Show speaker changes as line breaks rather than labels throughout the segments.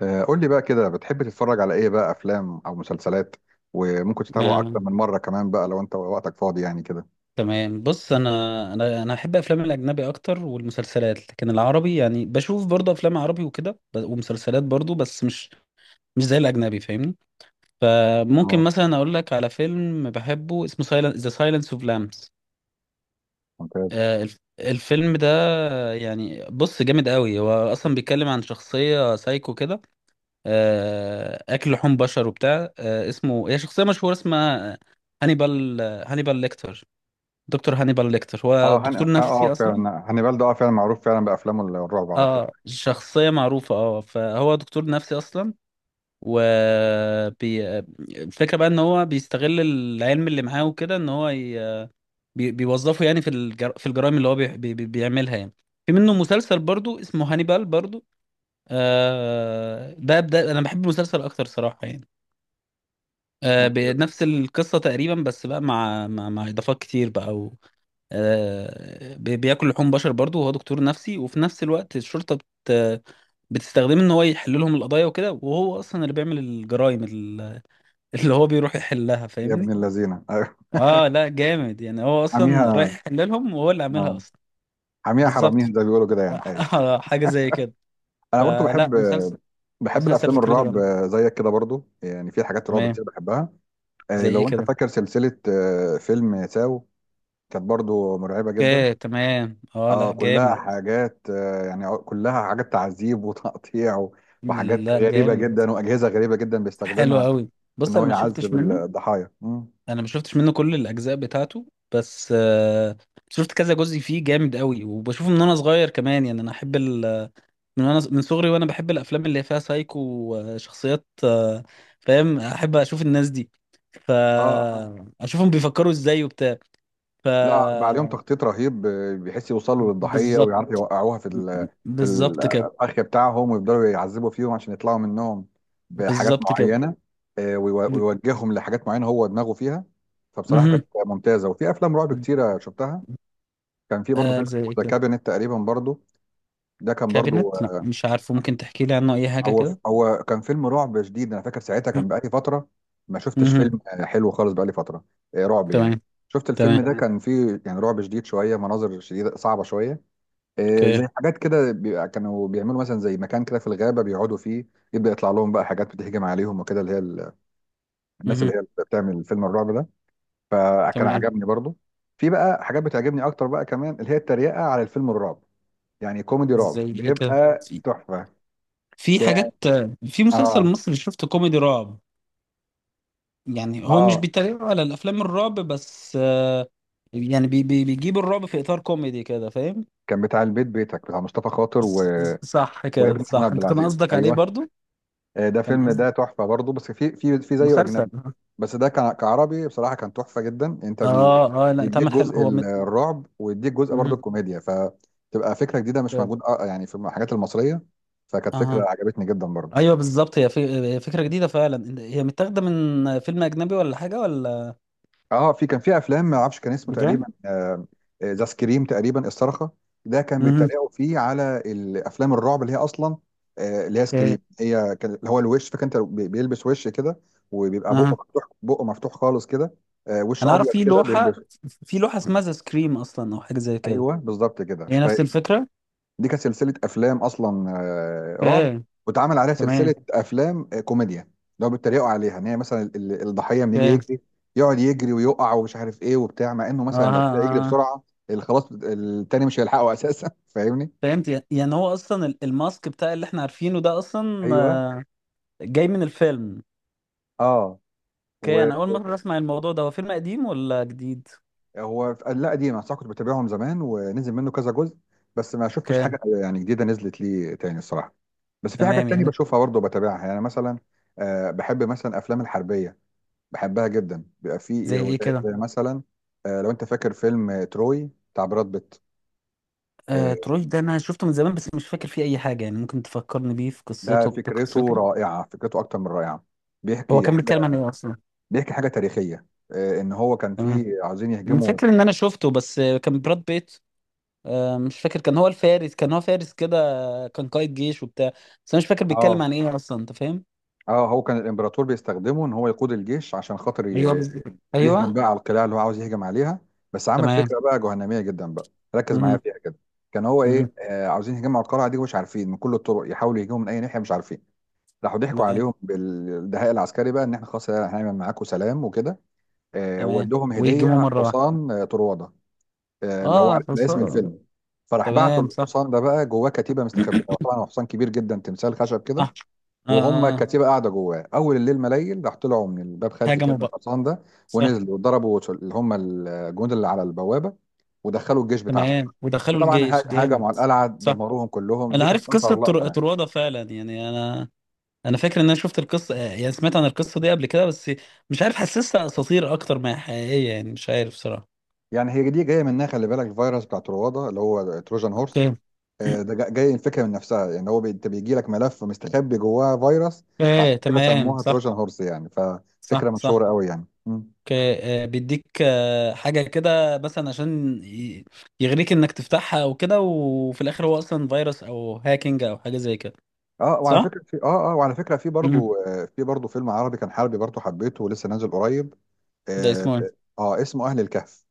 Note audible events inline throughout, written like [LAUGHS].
قول لي بقى كده، بتحب تتفرج على ايه بقى، افلام او مسلسلات، وممكن تتابعه اكتر
آه،
من مره كمان بقى لو انت وقتك فاضي يعني كده.
تمام. بص، انا احب افلام الاجنبي اكتر والمسلسلات، لكن العربي يعني بشوف برضه افلام عربي وكده ومسلسلات برضه، بس مش زي الاجنبي، فاهمني؟ فممكن
اه.
مثلا اقول لك على فيلم بحبه اسمه سايلنس، ذا سايلنس اوف لامبس.
ممتاز.
الفيلم ده يعني بص جامد قوي. هو اصلا بيتكلم عن شخصيه سايكو كده، اكل لحوم بشر وبتاع. اسمه، هي شخصيه مشهوره اسمها هانيبال هانيبال ليكتر، دكتور هانيبال ليكتر. هو
اه هن... اه
دكتور
آه،
نفسي اصلا.
فعلا هانيبال ده فعلا معروف، فعلا بافلامه الرعب على طول.
اه شخصية معروفة. اه فهو دكتور نفسي اصلا. و بي... الفكرة بقى ان هو بيستغل العلم اللي معاه وكده، ان هو بيوظفه يعني في الجرائم اللي هو بيعملها يعني. في منه مسلسل برضو اسمه هانيبال برضو. ده انا بحب المسلسل اكتر صراحة يعني.
ممتاز.
بنفس القصة تقريبا، بس بقى مع اضافات كتير بقى. بياكل لحوم بشر برضو، وهو دكتور نفسي، وفي نفس الوقت الشرطة بتستخدمه ان هو يحل لهم القضايا وكده، وهو اصلا اللي بيعمل الجرائم [LAUGHS] اللي هو بيروح يحلها،
يا ابن
فاهمني.
اللذينه [LAUGHS] ايوه.
اه لا جامد يعني. هو اصلا رايح
حميها
يحل لهم وهو اللي عاملها
اه
اصلا.
حميها حراميها،
بالظبط.
زي ما بيقولوا كده يعني. ايوه.
[LAUGHS] حاجة زي كده.
انا برضو بحب
فلا مسلسل
بحب
مسلسل
الافلام
فكرته
الرعب،
جامدة.
زيك كده برضو، يعني في حاجات رعب
تمام.
كتير بحبها.
زي ايه
لو انت
كده؟
فاكر سلسله، فيلم ساو، كانت برضو مرعبه جدا.
اوكي تمام. اه
اه
لا
كلها
جامد.
حاجات يعني، كلها حاجات تعذيب وتقطيع وحاجات
لا
غريبة
جامد
جدا وأجهزة غريبة جدا
حلو
بيستخدمها
قوي.
في إن
بص
هو
انا ما شفتش
يعذب
منه
الضحايا
انا ما شفتش منه كل الاجزاء بتاعته. بس شفت كذا جزء فيه جامد قوي، وبشوفه من وانا صغير كمان يعني. من وانا من صغري وانا بحب الافلام اللي فيها سايكو وشخصيات. فاهم، احب اشوف الناس دي. ف
اه آه.
اشوفهم بيفكروا ازاي وبتاع. ف
لا، بعدهم تخطيط رهيب، بيحس يوصلوا للضحية
بالظبط.
ويعرفوا يوقعوها في
بالظبط كده.
الأخ بتاعهم، ويفضلوا يعذبوا فيهم عشان يطلعوا منهم بحاجات
بالظبط كده.
معينة.
ب-
ويوجههم لحاجات معينة هو دماغه فيها. فبصراحة
مهم.
كانت ممتازة، وفي أفلام رعب كتيرة شفتها. كان في برضه فيلم
زي ايه
ذا
كده؟
كابينت تقريبا برضه، ده كان برضو،
كابينت؟ لا مش عارفه، ممكن تحكي لي عنه اي حاجه
هو
كده.
هو كان فيلم رعب شديد. انا فاكر ساعتها كان بقالي فتره ما شفتش
مهم.
فيلم حلو خالص، بقالي فتره رعب يعني.
تمام.
شفت الفيلم
تمام.
ده، تمام، كان فيه يعني رعب شديد شويه، مناظر شديده صعبه شويه. زي
اوكي.
حاجات كده بيبقى كانوا بيعملوا، مثلا زي مكان كده في الغابه بيقعدوا فيه، يبدا يطلع لهم بقى حاجات بتهجم عليهم وكده، اللي هي الناس اللي
مهم.
هي اللي بتعمل فيلم الرعب ده. فكان
تمام.
عجبني برضو. في بقى حاجات بتعجبني اكتر بقى كمان، اللي هي التريقه على الفيلم الرعب، يعني كوميدي رعب
زي ايه كده؟
بيبقى
في
تحفه.
في
كان
حاجات. في مسلسل
اه
مصري شفته كوميدي رعب. يعني هو مش
اه
بيتريق على الافلام الرعب بس. يعني بي بيجيب الرعب في اطار كوميدي كده، فاهم.
كان بتاع البيت بيتك، بتاع مصطفى خاطر
ص- صح كده،
وابن محمود
صح،
عبد
انت كان
العزيز.
قصدك عليه
ايوه،
برضو.
ده
كان
فيلم
قصد
ده تحفه برضه، بس في زيه
مسلسل.
اجنبي، بس ده كان كعربي بصراحه كان تحفه جدا. انت
اه اه لا
بيديك
اتعمل حلو.
جزء الرعب، ويديك جزء برضه
مهم.
الكوميديا، فتبقى فكره جديده مش موجود يعني في الحاجات المصريه. فكانت فكره
اها
عجبتني جدا برضه.
ايوه بالظبط. هي فكره جديده فعلا. هي متاخده من فيلم اجنبي ولا حاجه ولا؟
اه، كان في افلام ما اعرفش كان اسمه تقريبا،
بجد؟
ذا سكريم تقريبا، الصرخه. ده كان
اها.
بيتريقوا فيه على الافلام الرعب، اللي هي اصلا اللي هي
اوكي.
سكريم. هي كان اللي هو الوش، فاكر، انت بيلبس وش كده، وبيبقى بقه
اها.
مفتوح، بقه مفتوح خالص كده. وش
انا عارف
ابيض
في
كده
لوحة،
بيلبس.
اسمها ذا سكريم اصلا او حاجة زي كده.
ايوه بالظبط كده.
هي نفس الفكرة.
دي كانت سلسله افلام اصلا رعب،
اوكي.
واتعمل عليها سلسله
تمام.
افلام كوميديا، لو بيتريقوا عليها، ان هي مثلا الضحيه لما يجي
اوكي.
يجري، يقعد يجري ويقع ومش عارف ايه وبتاع، مع انه
اه
مثلا لو ابتدى يجري
اه.
بسرعه خلاص التاني مش هيلحقه اساسا. [LAUGHS] فاهمني.
فهمت يعني. هو اصلا الماسك بتاع اللي احنا عارفينه ده اصلا،
ايوه.
جاي من الفيلم.
اه
اوكي،
وهو
انا اول مرة اسمع الموضوع ده. هو فيلم قديم ولا جديد؟
لا، قديم، صح، كنت بتابعهم زمان ونزل منه كذا جزء، بس ما شفتش
اوكي.
حاجه يعني جديده نزلت لي تاني الصراحه. بس في حاجات
تمام
تانية
يعني.
بشوفها برضه بتابعها، يعني مثلا بحب مثلا افلام الحربيه، بحبها جدا، بيبقى
زي
فيه
ايه
زي
كده؟
زي مثلا لو انت فاكر فيلم تروي بتاع براد بيت. آه،
تروي ده انا شفته من زمان، بس مش فاكر فيه اي حاجة يعني. ممكن تفكرني بيه في
ده
قصته
فكرته
بقصته؟
رائعه، فكرته اكتر من رائعه.
هو
بيحكي
كان
حاجه
بيتكلم عن ايه اصلا؟
بيحكي حاجه تاريخيه، ان هو كان
تمام.
فيه عاوزين
انا
يهجموا.
فاكر ان انا شفته، بس كان براد بيت. مش فاكر، كان هو فارس كده، كان قائد جيش وبتاع، بس انا مش فاكر بيتكلم
اه
عن ايه اصلا، انت فاهم.
اه هو كان الامبراطور بيستخدمه، ان هو يقود الجيش عشان خاطر
ايوه بز...
يهجم
ايوه.
بقى على القلاع اللي هو عاوز يهجم عليها. بس عمل
تمام.
فكره بقى جهنميه جدا بقى. ركز معايا
مهم.
فيها كده، كان هو
مهم.
ايه عاوزين يهجموا على القلعه دي، ومش عارفين من كل الطرق يحاولوا يهجموا من اي ناحيه، مش عارفين. راحوا ضحكوا
تمام.
عليهم بالدهاء العسكري بقى، ان احنا خلاص هنعمل معاكم سلام وكده.
تمام.
ودوهم هديه،
ويهجموا مره واحده.
حصان طرواده، اللي هو على
اه
اسم
حصان.
الفيلم. فراح بعتوا
تمام. صح.
الحصان ده بقى جواه كتيبه مستخبيه، هو طبعا هو حصان كبير جدا، تمثال خشب كده.
صح. اه.
وهم
آه.
الكتيبه قاعده جواه، اول الليل ما ليل، راح طلعوا من الباب خلفي كده
هاجموا
من
بقى.
الحصان ده،
صح.
ونزلوا وضربوا اللي هم الجنود اللي على البوابه، ودخلوا الجيش بتاعهم.
تمام ودخلوا
فطبعا
الجيش جامد.
هاجموا على القلعه،
صح،
دمروهم كلهم،
انا
دي كانت
عارف قصه
اشهر لقطه.
طروادة فعلا يعني. انا فاكر ان انا شفت القصه، يعني سمعت عن القصه دي قبل كده، بس مش عارف حسستها اساطير اكتر ما هي حقيقيه يعني، مش عارف صراحه.
يعني هي دي جايه منها، خلي بالك، الفيروس بتاع تروادة اللي هو تروجان هورس. جاي الفكره من نفسها، يعني هو انت بيجي لك ملف مستخبي جواه فيروس. فعشان
ايه
كده
تمام
سموها
صح.
تروجان هورس يعني،
صح.
ففكره
صح.
مشهوره قوي يعني.
اوكي بيديك حاجة كده مثلا عشان يغريك انك تفتحها او كده، وفي الاخر هو اصلا فيروس او هاكينج او حاجة زي كده. صح؟
وعلى فكره،
امم
في برضو فيلم عربي كان حربي برضو، حبيته ولسه نازل قريب.
ده
اه,
اسمه ايه؟
آه اسمه اهل الكهف.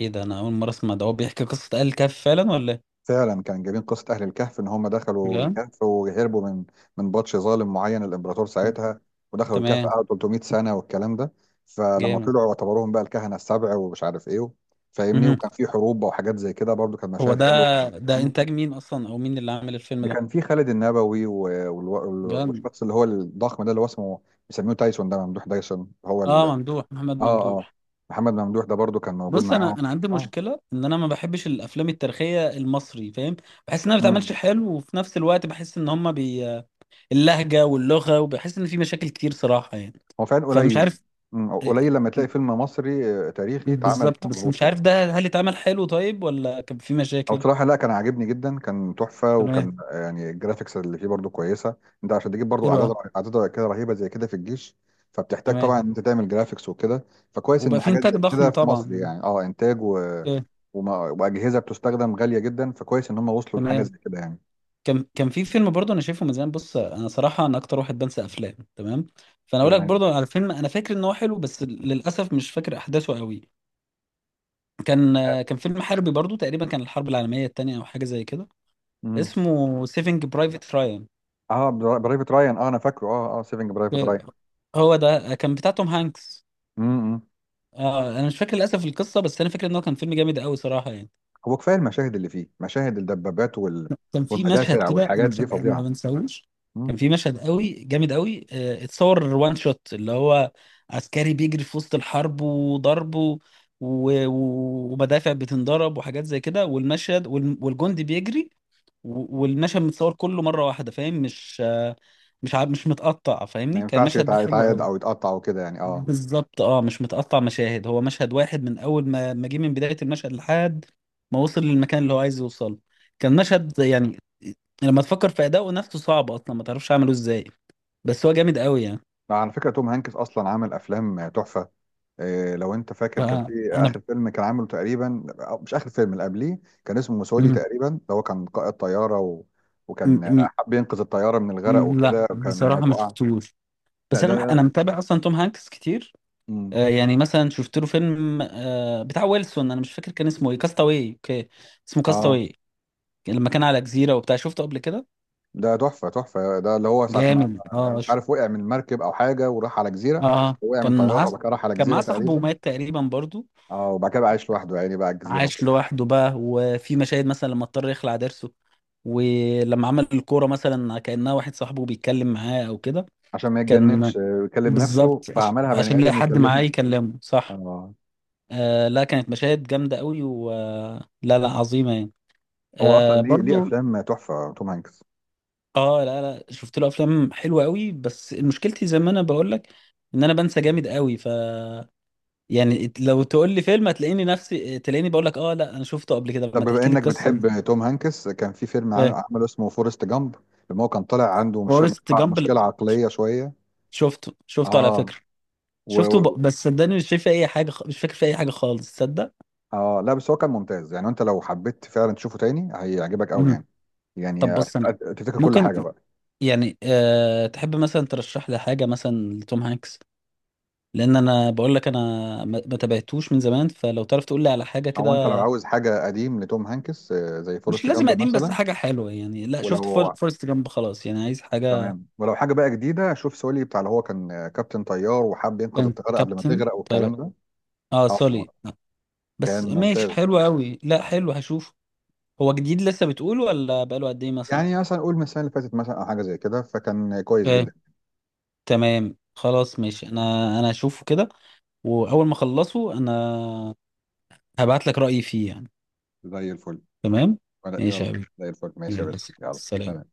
ده انا اول مرة اسمع ده. هو بيحكي قصة آل كهف فعلا ولا ايه؟
فعلا كان جايبين قصة أهل الكهف، إن هم دخلوا
بجد؟
الكهف وهربوا من بطش ظالم معين، الإمبراطور ساعتها، ودخلوا الكهف
تمام.
قعدوا 300 سنة والكلام ده. فلما
جامد.
طلعوا اعتبروهم بقى الكهنة السبع ومش عارف إيه، فاهمني.
مهم.
وكان في حروب بقى وحاجات زي كده، برضو كان
هو
مشاهد
ده
حلوة
ده
مم.
انتاج مين اصلا او مين اللي عامل الفيلم
ده
ده؟
كان في خالد النبوي،
بجد؟
والشخص اللي هو الضخم ده، اللي هو اسمه بيسميه تايسون، ده ممدوح تايسون، هو ال...
اه، محمد
آه
ممدوح.
آه محمد ممدوح، ده برضو كان موجود
بص،
معاهم
انا عندي
آه
مشكله ان انا ما بحبش الافلام التاريخيه المصري، فاهم. بحس انها ما بتعملش
مم.
حلو، وفي نفس الوقت بحس ان هما اللهجه واللغه، وبحس ان في مشاكل كتير صراحه يعني،
هو فعلا
فمش
قليل،
عارف. إيه،
قليل لما تلاقي فيلم مصري تاريخي اتعمل
بالظبط. بس
مظبوط
مش عارف
يعني.
ده هل اتعمل حلو طيب ولا كان في
او
مشاكل.
بصراحه، لا، كان عاجبني جدا، كان تحفه،
تمام.
وكان يعني الجرافيكس اللي فيه برضو كويسه. انت عشان تجيب برضو
حلو
اعداد،
أوي.
اعداد كده رهيبه زي كده في الجيش، فبتحتاج
تمام.
طبعا ان انت تعمل جرافيكس وكده. فكويس
وبقى
ان
في
حاجات
انتاج
زي كده
ضخم
في مصر،
طبعا.
يعني انتاج
إيه،
واجهزه بتستخدم غاليه جدا، فكويس ان هم وصلوا لحاجه
تمام.
زي كده يعني.
كان في فيلم برضه انا شايفه من زمان. بص انا صراحه انا اكتر واحد بنسى افلام تمام، فانا اقول لك
تمام.
برضه على فيلم انا فاكر ان هو حلو، بس للاسف مش فاكر احداثه قوي. كان كان فيلم حربي برضو تقريبا، كان الحرب العالمية التانية أو حاجة زي كده،
امم
اسمه سيفنج برايفت رايان.
اه برايفت رايان، انا فاكره، سيفنج برايفت
هو ده كان بتاع توم هانكس.
رايان.
أنا مش فاكر للأسف القصة، بس أنا فاكر إن هو كان فيلم جامد قوي صراحة يعني.
هو كفايه المشاهد اللي فيه، مشاهد الدبابات
كان في مشهد
والمدافع
كده،
والحاجات دي
أنا ما
فظيعه
بنساهوش.
مم.
كان في مشهد قوي جامد قوي، اتصور وان شوت، اللي هو عسكري بيجري في وسط الحرب وضرب و... ومدافع بتنضرب وحاجات زي كده، والمشهد والجندي بيجري، والمشهد متصور كله مره واحده، فاهم، مش مش متقطع،
ما
فاهمني. كان
ينفعش
المشهد ده حلو
يتعاد
قوي.
او يتقطع وكده يعني. اه.
بالظبط اه مش متقطع مشاهد، هو مشهد واحد من اول ما جه من بدايه المشهد لحد ما وصل للمكان اللي هو عايز يوصله. كان مشهد يعني لما تفكر في اداؤه نفسه صعب اصلا، ما تعرفش اعمله ازاي، بس هو جامد قوي يعني.
على فكره توم هانكس اصلا عامل افلام تحفه. إيه، لو انت فاكر، كان
فانا
في
ب...
اخر فيلم كان عامله تقريبا، أو مش اخر فيلم، اللي قبليه كان اسمه موسولي
م...
تقريبا، اللي هو كان قائد طياره وكان
م...
حب ينقذ الطياره من الغرق
م... لا
وكده، وكان من انها
بصراحه ما
تقع.
شفتوش.
لا،
بس انا
ده.
متابع اصلا توم هانكس كتير.
مم.
يعني مثلا شفت له فيلم بتاع ويلسون، انا مش فاكر كان اسمه ايه، كاستاوي. اوكي اسمه
اه
كاستاوي، لما كان على جزيره وبتاع شفته قبل كده.
ده تحفة تحفة، ده اللي هو ساعة ما،
جامد.
مش عارف، وقع من مركب أو حاجة وراح على
اه.
جزيرة،
آه.
وقع من طيارة وبعد كده راح على
كان
جزيرة
معاه صاحبه
تقريبا.
ومات تقريبا برضو.
اه، وبعد كده بقى عايش لوحده يعني، بقى على الجزيرة
عاش
وكده،
لوحده بقى، وفي مشاهد مثلا لما اضطر يخلع ضرسه، ولما عمل الكوره مثلا كانها واحد صاحبه بيتكلم معاه او كده.
عشان ما
كان
يتجننش يكلم
بالظبط
نفسه، فعملها بني
عشان يلاقي
آدم
حد معاه
يكلمه.
يكلمه، صح.
اه،
لا كانت مشاهد جامده قوي و لا لا عظيمه يعني.
هو أصلا ليه
برضو.
أفلام تحفة توم هانكس.
اه لا لا شفت له افلام حلوه قوي، بس مشكلتي زي ما انا بقول لك، ان انا بنسى جامد قوي. يعني لو تقول لي فيلم، هتلاقيني نفسي تلاقيني بقول لك اه لا انا شفته قبل كده،
طب
لما
بما
تحكي لي
إنك
القصه مش.
بتحب توم هانكس، كان في فيلم
فاهم.
عمله اسمه فورست جامب، لما هو كان طالع عنده، مش
فورست
مشكلة،
جامب.
مشكلة عقلية شوية.
شفته على
اه
فكره. بس صدقني مش شايف اي حاجه مش فاكر في اي حاجه خالص تصدق.
اه لا، بس هو كان ممتاز يعني، انت لو حبيت فعلا تشوفه تاني هيعجبك قوي يعني،
مهم.
يعني
طب بص انا
هتفتكر كل حاجه
ممكن
بقى.
يعني، تحب مثلا ترشح لي حاجه مثلا لتوم هانكس، لان انا بقول لك انا ما تابعتوش من زمان، فلو تعرف تقول لي على حاجه كده.
او انت لو عاوز حاجه قديم لتوم هانكس، زي
مش
فورست
لازم
جامب
قديم، بس
مثلا،
حاجة حلوة يعني. لا شفت
ولو،
فورست جامب خلاص يعني، عايز حاجة.
تمام، ولو حاجه بقى جديده، شوف سولي، بتاع اللي هو كان كابتن طيار، وحب ينقذ
كان
الطياره قبل ما
كابتن
تغرق
طيب
والكلام ده.
اه
اه،
سوري. آه. بس
كان
ماشي
ممتاز
حلو قوي. لا حلو هشوف. هو جديد لسه بتقول ولا بقاله قد ايه مثلا؟
يعني، مثلا قول من السنه اللي فاتت مثلا او حاجه زي كده، فكان كويس
فاهم.
جدا.
تمام خلاص ماشي. انا هشوفه كده، واول ما اخلصه انا هبعت لك رأيي فيه يعني.
زي الفل.
تمام. ماشي
يلا.
يا حبيبي.
زي الفل، ماشي يا
يلا.
باشا.
سلام.
يلا.